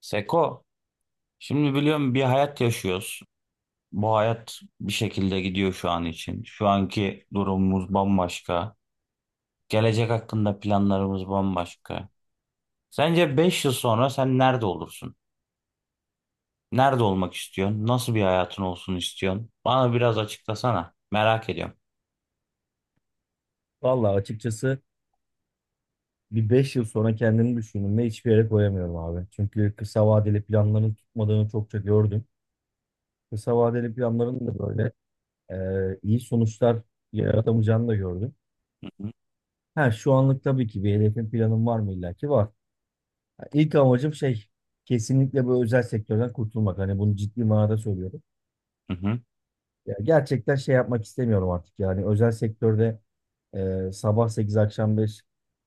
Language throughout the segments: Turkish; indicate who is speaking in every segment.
Speaker 1: Seko, şimdi biliyorum bir hayat yaşıyoruz. Bu hayat bir şekilde gidiyor şu an için. Şu anki durumumuz bambaşka. Gelecek hakkında planlarımız bambaşka. Sence 5 yıl sonra sen nerede olursun? Nerede olmak istiyorsun? Nasıl bir hayatın olsun istiyorsun? Bana biraz açıklasana. Merak ediyorum.
Speaker 2: Vallahi açıkçası bir 5 yıl sonra kendini düşündüğümde hiçbir yere koyamıyorum abi. Çünkü kısa vadeli planların tutmadığını çokça gördüm. Kısa vadeli planların da böyle iyi sonuçlar yaratamayacağını da gördüm.
Speaker 1: Hı hı.
Speaker 2: Ha, şu anlık tabii ki bir hedefim planım var mı, illa ki var. Ha, İlk amacım kesinlikle bu özel sektörden kurtulmak. Hani bunu ciddi manada söylüyorum.
Speaker 1: Hı hı.
Speaker 2: Ya gerçekten şey yapmak istemiyorum artık, yani özel sektörde sabah 8 akşam 5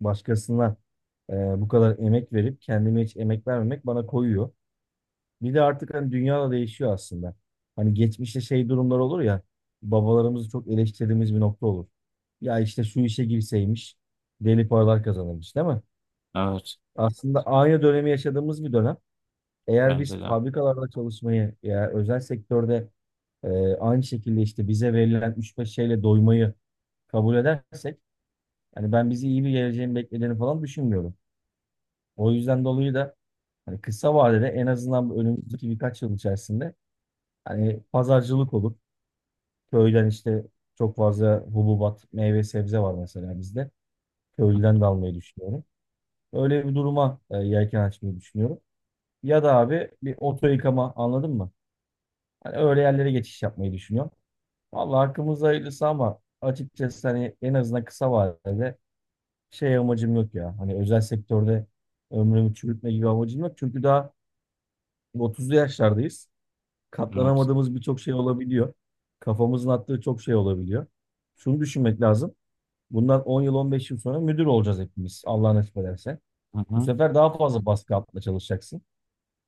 Speaker 2: başkasına e, bu kadar emek verip kendime hiç emek vermemek bana koyuyor. Bir de artık hani dünya da değişiyor aslında. Hani geçmişte durumlar olur ya, babalarımızı çok eleştirdiğimiz bir nokta olur. Ya işte şu işe girseymiş, deli paralar kazanırmış değil mi?
Speaker 1: Evet,
Speaker 2: Aslında aynı dönemi yaşadığımız bir dönem. Eğer biz
Speaker 1: bence de.
Speaker 2: fabrikalarda çalışmayı ya özel sektörde aynı şekilde işte bize verilen üç beş şeyle doymayı kabul edersek, yani ben bizi iyi bir geleceğin beklediğini falan düşünmüyorum. O yüzden dolayı da hani kısa vadede en azından bu önümüzdeki birkaç yıl içerisinde hani pazarcılık olur. Köyden işte çok fazla hububat, meyve sebze var mesela bizde. Köylüden de almayı düşünüyorum. Öyle bir duruma yelken açmayı düşünüyorum. Ya da abi bir oto yıkama, anladın mı? Hani öyle yerlere geçiş yapmayı düşünüyorum. Vallahi hakkımız hayırlısı ama açıkçası hani en azından kısa vadede amacım yok ya. Hani özel sektörde ömrümü çürütme gibi amacım yok. Çünkü daha 30'lu yaşlardayız.
Speaker 1: Evet.
Speaker 2: Katlanamadığımız birçok şey olabiliyor. Kafamızın attığı çok şey olabiliyor. Şunu düşünmek lazım. Bundan 10 yıl 15 yıl sonra müdür olacağız hepimiz. Allah nasip ederse.
Speaker 1: Hı
Speaker 2: Bu
Speaker 1: hı.
Speaker 2: sefer daha fazla baskı altında çalışacaksın.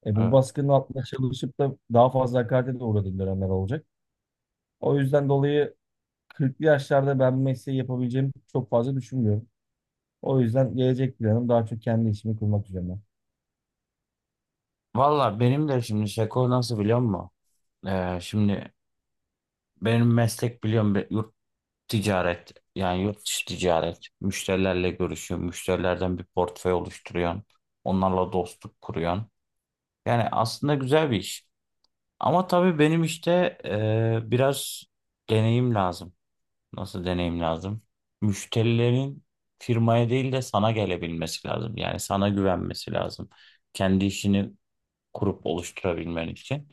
Speaker 2: Bu
Speaker 1: Evet.
Speaker 2: baskının altında çalışıp da daha fazla hakarete de uğradığın dönemler olacak. O yüzden dolayı 40'lı yaşlarda ben bu mesleği yapabileceğimi çok fazla düşünmüyorum. O yüzden gelecek planım daha çok kendi işimi kurmak üzerine.
Speaker 1: Valla benim de şimdi Seko nasıl biliyor musun? Şimdi benim meslek biliyorum ticaret, yani yurt dışı ticaret. Müşterilerle görüşüyorsun. Müşterilerden bir portföy oluşturuyorsun. Onlarla dostluk kuruyorsun. Yani aslında güzel bir iş. Ama tabii benim işte biraz deneyim lazım. Nasıl deneyim lazım? Müşterilerin firmaya değil de sana gelebilmesi lazım. Yani sana güvenmesi lazım. Kendi işini kurup oluşturabilmen için.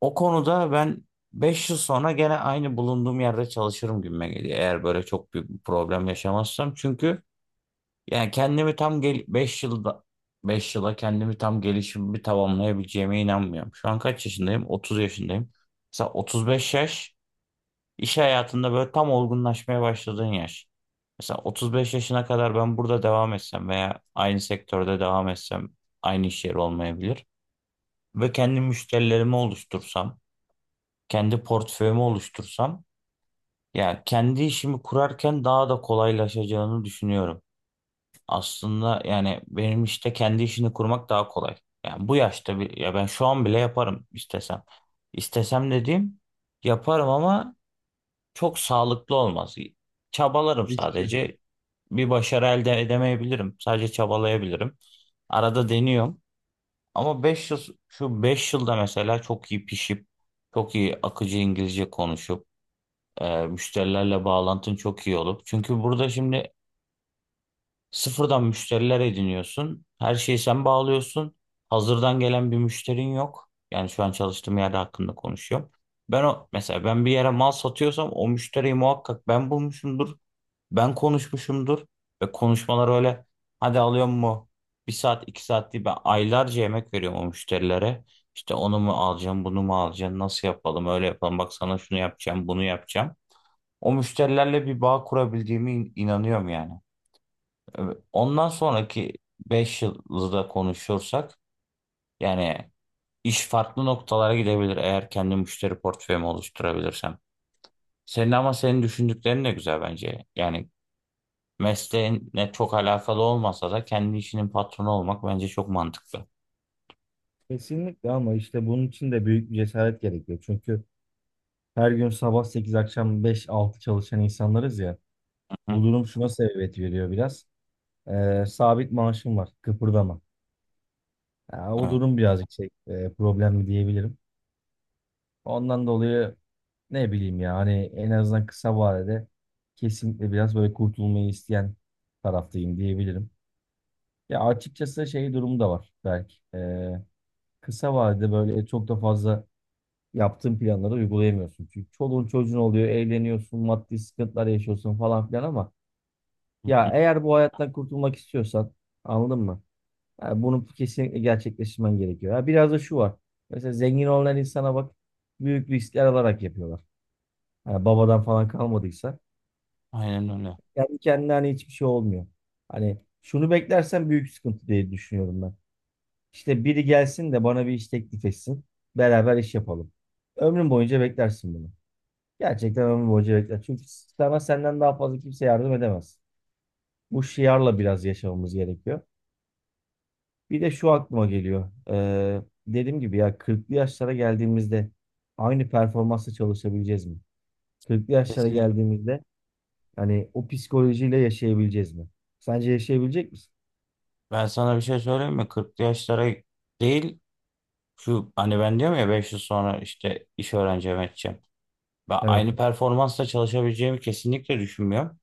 Speaker 1: O konuda ben 5 yıl sonra gene aynı bulunduğum yerde çalışırım gibime geliyor. Eğer böyle çok büyük bir problem yaşamazsam. Çünkü yani kendimi tam gel 5 yılda 5 yıla kendimi tam gelişimimi tamamlayabileceğime inanmıyorum. Şu an kaç yaşındayım? 30 yaşındayım. Mesela 35 yaş iş hayatında böyle tam olgunlaşmaya başladığın yaş. Mesela 35 yaşına kadar ben burada devam etsem veya aynı sektörde devam etsem aynı iş yeri olmayabilir. Ve kendi müşterilerimi oluştursam kendi portföyümü oluştursam ya kendi işimi kurarken daha da kolaylaşacağını düşünüyorum. Aslında yani benim işte kendi işini kurmak daha kolay. Yani bu yaşta bir ya ben şu an bile yaparım istesem. İstesem dediğim yaparım ama çok sağlıklı olmaz. Çabalarım
Speaker 2: Riskli.
Speaker 1: sadece. Bir başarı elde edemeyebilirim. Sadece çabalayabilirim. Arada deniyorum. Ama 5 yıl şu 5 yılda mesela çok iyi pişip çok iyi akıcı İngilizce konuşup müşterilerle bağlantın çok iyi olup. Çünkü burada şimdi sıfırdan müşteriler ediniyorsun. Her şeyi sen bağlıyorsun. Hazırdan gelen bir müşterin yok. Yani şu an çalıştığım yerde hakkında konuşuyorum. Ben o mesela ben bir yere mal satıyorsam o müşteriyi muhakkak ben bulmuşumdur. Ben konuşmuşumdur. Ve konuşmalar öyle hadi alıyor mu? 1 saat 2 saat değil, ben aylarca emek veriyorum o müşterilere. İşte onu mu alacağım, bunu mu alacağım, nasıl yapalım, öyle yapalım, bak sana şunu yapacağım, bunu yapacağım. O müşterilerle bir bağ kurabildiğimi inanıyorum yani. Evet. Ondan sonraki 5 yılda konuşursak yani iş farklı noktalara gidebilir, eğer kendi müşteri portföyümü oluşturabilirsem. Senin, ama senin düşündüklerin de güzel bence. Yani mesleğinle çok alakalı olmasa da kendi işinin patronu olmak bence çok mantıklı.
Speaker 2: Kesinlikle, ama işte bunun için de büyük bir cesaret gerekiyor. Çünkü her gün sabah 8 akşam beş altı çalışan insanlarız ya.
Speaker 1: Hı.
Speaker 2: Bu durum şuna sebebiyet veriyor biraz. Sabit maaşım var. Kıpırdama. Ya, o
Speaker 1: Evet.
Speaker 2: durum birazcık problemli diyebilirim. Ondan dolayı ne bileyim ya, hani en azından kısa vadede kesinlikle biraz böyle kurtulmayı isteyen taraftayım diyebilirim. Ya açıkçası durumu da var belki. Kısa vadede böyle çok da fazla yaptığın planları uygulayamıyorsun. Çünkü çoluğun çocuğun oluyor, evleniyorsun, maddi sıkıntılar yaşıyorsun falan filan, ama
Speaker 1: Hı hı.
Speaker 2: ya eğer bu hayattan kurtulmak istiyorsan, anladın mı? Yani bunu kesinlikle gerçekleştirmen gerekiyor. Ya biraz da şu var. Mesela zengin olan insana bak, büyük riskler alarak yapıyorlar. Yani babadan falan kalmadıysa
Speaker 1: Aynen öyle.
Speaker 2: kendi kendine hani hiçbir şey olmuyor. Hani şunu beklersen büyük sıkıntı diye düşünüyorum ben. İşte biri gelsin de bana bir iş teklif etsin. Beraber iş yapalım. Ömrün boyunca beklersin bunu. Gerçekten ömür boyunca bekler. Çünkü sana senden daha fazla kimse yardım edemez. Bu şiarla biraz yaşamamız gerekiyor. Bir de şu aklıma geliyor. Dediğim gibi ya 40'lı yaşlara geldiğimizde aynı performansla çalışabileceğiz mi? 40'lı yaşlara
Speaker 1: Kesin.
Speaker 2: geldiğimizde hani o psikolojiyle yaşayabileceğiz mi? Sence yaşayabilecek misin?
Speaker 1: Ben sana bir şey söyleyeyim mi? 40'lı yaşlara değil, şu hani ben diyorum ya 5 yıl sonra işte iş öğreneceğim, edeceğim. Ben
Speaker 2: Evet.
Speaker 1: aynı performansla çalışabileceğimi kesinlikle düşünmüyorum.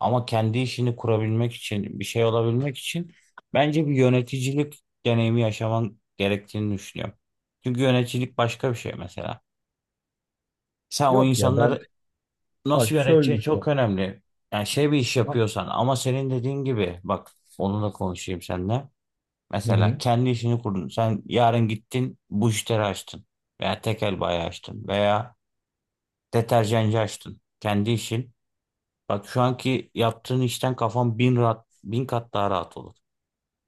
Speaker 1: Ama kendi işini kurabilmek için, bir şey olabilmek için bence bir yöneticilik deneyimi yaşaman gerektiğini düşünüyorum. Çünkü yöneticilik başka bir şey mesela. Sen o
Speaker 2: Yok ya, ben
Speaker 1: insanları nasıl
Speaker 2: bak şöyle
Speaker 1: yöneteceğin çok
Speaker 2: düşünüyorum.
Speaker 1: önemli. Yani şey, bir iş
Speaker 2: Ha-
Speaker 1: yapıyorsan, ama senin dediğin gibi bak, onunla konuşayım seninle.
Speaker 2: Hı
Speaker 1: Mesela
Speaker 2: hı.
Speaker 1: kendi işini kurdun. Sen yarın gittin bujiteri açtın veya tekel bayi açtın veya deterjancı açtın. Kendi işin. Bak şu anki yaptığın işten kafan bin rahat, bin kat daha rahat olur.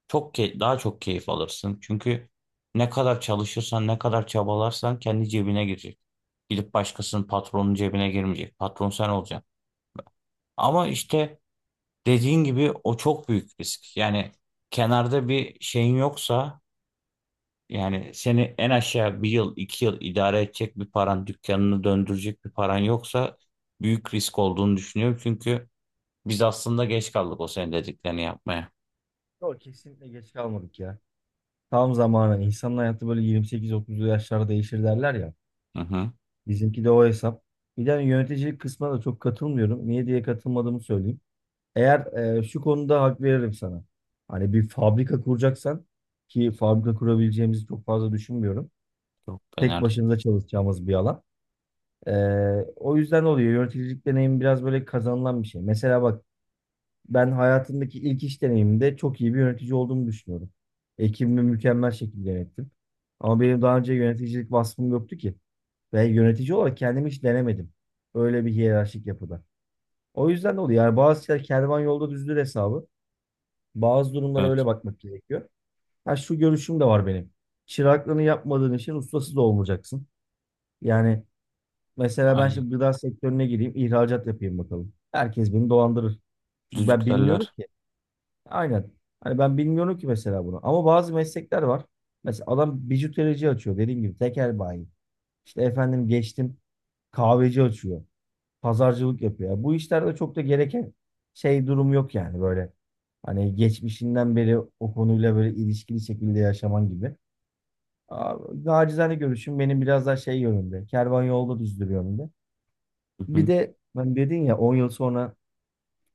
Speaker 1: Çok daha çok keyif alırsın. Çünkü ne kadar çalışırsan, ne kadar çabalarsan kendi cebine girecek. Gidip başkasının, patronun cebine girmeyecek. Patron sen olacaksın. Ama işte dediğin gibi o çok büyük risk. Yani kenarda bir şeyin yoksa, yani seni en aşağı 1 yıl, 2 yıl idare edecek bir paran, dükkanını döndürecek bir paran yoksa büyük risk olduğunu düşünüyorum. Çünkü biz aslında geç kaldık o senin dediklerini yapmaya.
Speaker 2: Yok, kesinlikle geç kalmadık ya. Tam zamanı. İnsanın hayatı böyle 28-30'lu yaşlarda değişir derler ya.
Speaker 1: Hı hı.
Speaker 2: Bizimki de o hesap. Bir de hani yöneticilik kısmına da çok katılmıyorum. Niye diye katılmadığımı söyleyeyim. Eğer şu konuda hak veririm sana. Hani bir fabrika kuracaksan, ki fabrika kurabileceğimizi çok fazla düşünmüyorum.
Speaker 1: Yok be,
Speaker 2: Tek
Speaker 1: nerede?
Speaker 2: başımıza çalışacağımız bir alan. E, O yüzden oluyor. Yöneticilik deneyimi biraz böyle kazanılan bir şey. Mesela bak, ben hayatımdaki ilk iş deneyimimde çok iyi bir yönetici olduğumu düşünüyorum. Ekibimi mükemmel şekilde yönettim. Ama benim daha önce yöneticilik vasfım yoktu ki. Ve yönetici olarak kendimi hiç denemedim. Öyle bir hiyerarşik yapıda. O yüzden de oluyor. Yani bazı şeyler kervan yolda düzdür hesabı. Bazı durumlara
Speaker 1: Evet.
Speaker 2: öyle bakmak gerekiyor. Ha, şu görüşüm de var benim. Çıraklığını yapmadığın işin ustası da olmayacaksın. Yani mesela ben
Speaker 1: Aynen.
Speaker 2: şimdi gıda sektörüne gireyim, ihracat yapayım bakalım. Herkes beni dolandırır. Çünkü ben bilmiyorum
Speaker 1: Düdüklerler.
Speaker 2: ki. Aynen. Hani ben bilmiyorum ki mesela bunu. Ama bazı meslekler var. Mesela adam bijuterici açıyor, dediğim gibi tekel bayi. İşte efendim, geçtim kahveci açıyor, pazarcılık yapıyor. Bu işlerde çok da gereken durum yok yani, böyle hani geçmişinden beri o konuyla böyle ilişkili şekilde yaşaman gibi. Aa, Nacizane görüşüm benim biraz daha yönünde. Kervan yolda düzdür yönünde.
Speaker 1: Hı
Speaker 2: Bir
Speaker 1: hı.
Speaker 2: de ben, dedin ya 10 yıl sonra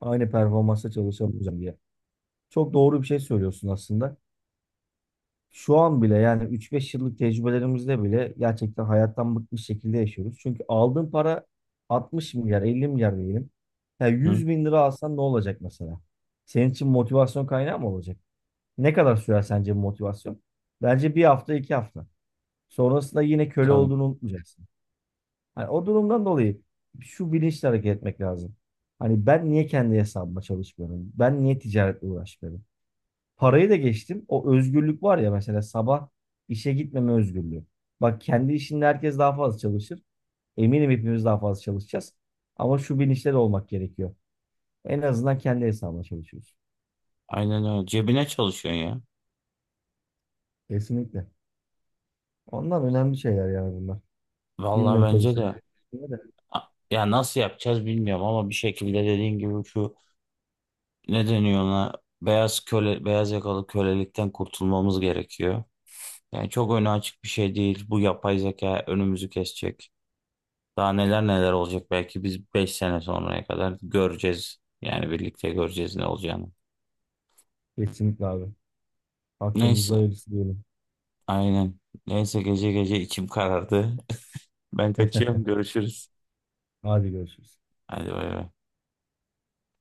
Speaker 2: aynı performansta çalışamayacağım diye. Çok doğru bir şey söylüyorsun aslında. Şu an bile yani 3-5 yıllık tecrübelerimizde bile gerçekten hayattan bıkmış şekilde yaşıyoruz. Çünkü aldığın para 60 milyar, 50 milyar diyelim. Ya
Speaker 1: Hı.
Speaker 2: 100 bin lira alsan ne olacak mesela? Senin için motivasyon kaynağı mı olacak? Ne kadar sürer sence bu motivasyon? Bence 1 hafta, 2 hafta. Sonrasında yine köle
Speaker 1: Tabii.
Speaker 2: olduğunu unutmayacaksın. Hani o durumdan dolayı şu bilinçle hareket etmek lazım. Hani ben niye kendi hesabıma çalışmıyorum? Ben niye ticaretle uğraşmıyorum? Parayı da geçtim. O özgürlük var ya, mesela sabah işe gitmeme özgürlüğü. Bak, kendi işinde herkes daha fazla çalışır. Eminim hepimiz daha fazla çalışacağız. Ama şu bilinçte de olmak gerekiyor. En azından kendi hesabına çalışıyoruz.
Speaker 1: Aynen öyle. Cebine çalışıyorsun ya.
Speaker 2: Kesinlikle. Ondan önemli şeyler yani bunlar.
Speaker 1: Vallahi
Speaker 2: Bilmiyorum tabii.
Speaker 1: bence de. A- Ya, nasıl yapacağız bilmiyorum ama bir şekilde dediğin gibi, şu ne deniyor ona, beyaz köle, beyaz yakalı kölelikten kurtulmamız gerekiyor. Yani çok önü açık bir şey değil. Bu yapay zeka önümüzü kesecek. Daha neler neler olacak, belki biz 5 sene sonraya kadar göreceğiz. Yani birlikte göreceğiz ne olacağını.
Speaker 2: Kesinlikle abi. Hakkımızda
Speaker 1: Neyse,
Speaker 2: öylesi diyelim.
Speaker 1: aynen. Neyse, gece gece içim karardı. Ben kaçıyorum, görüşürüz.
Speaker 2: Hadi görüşürüz.
Speaker 1: Hadi bay bay.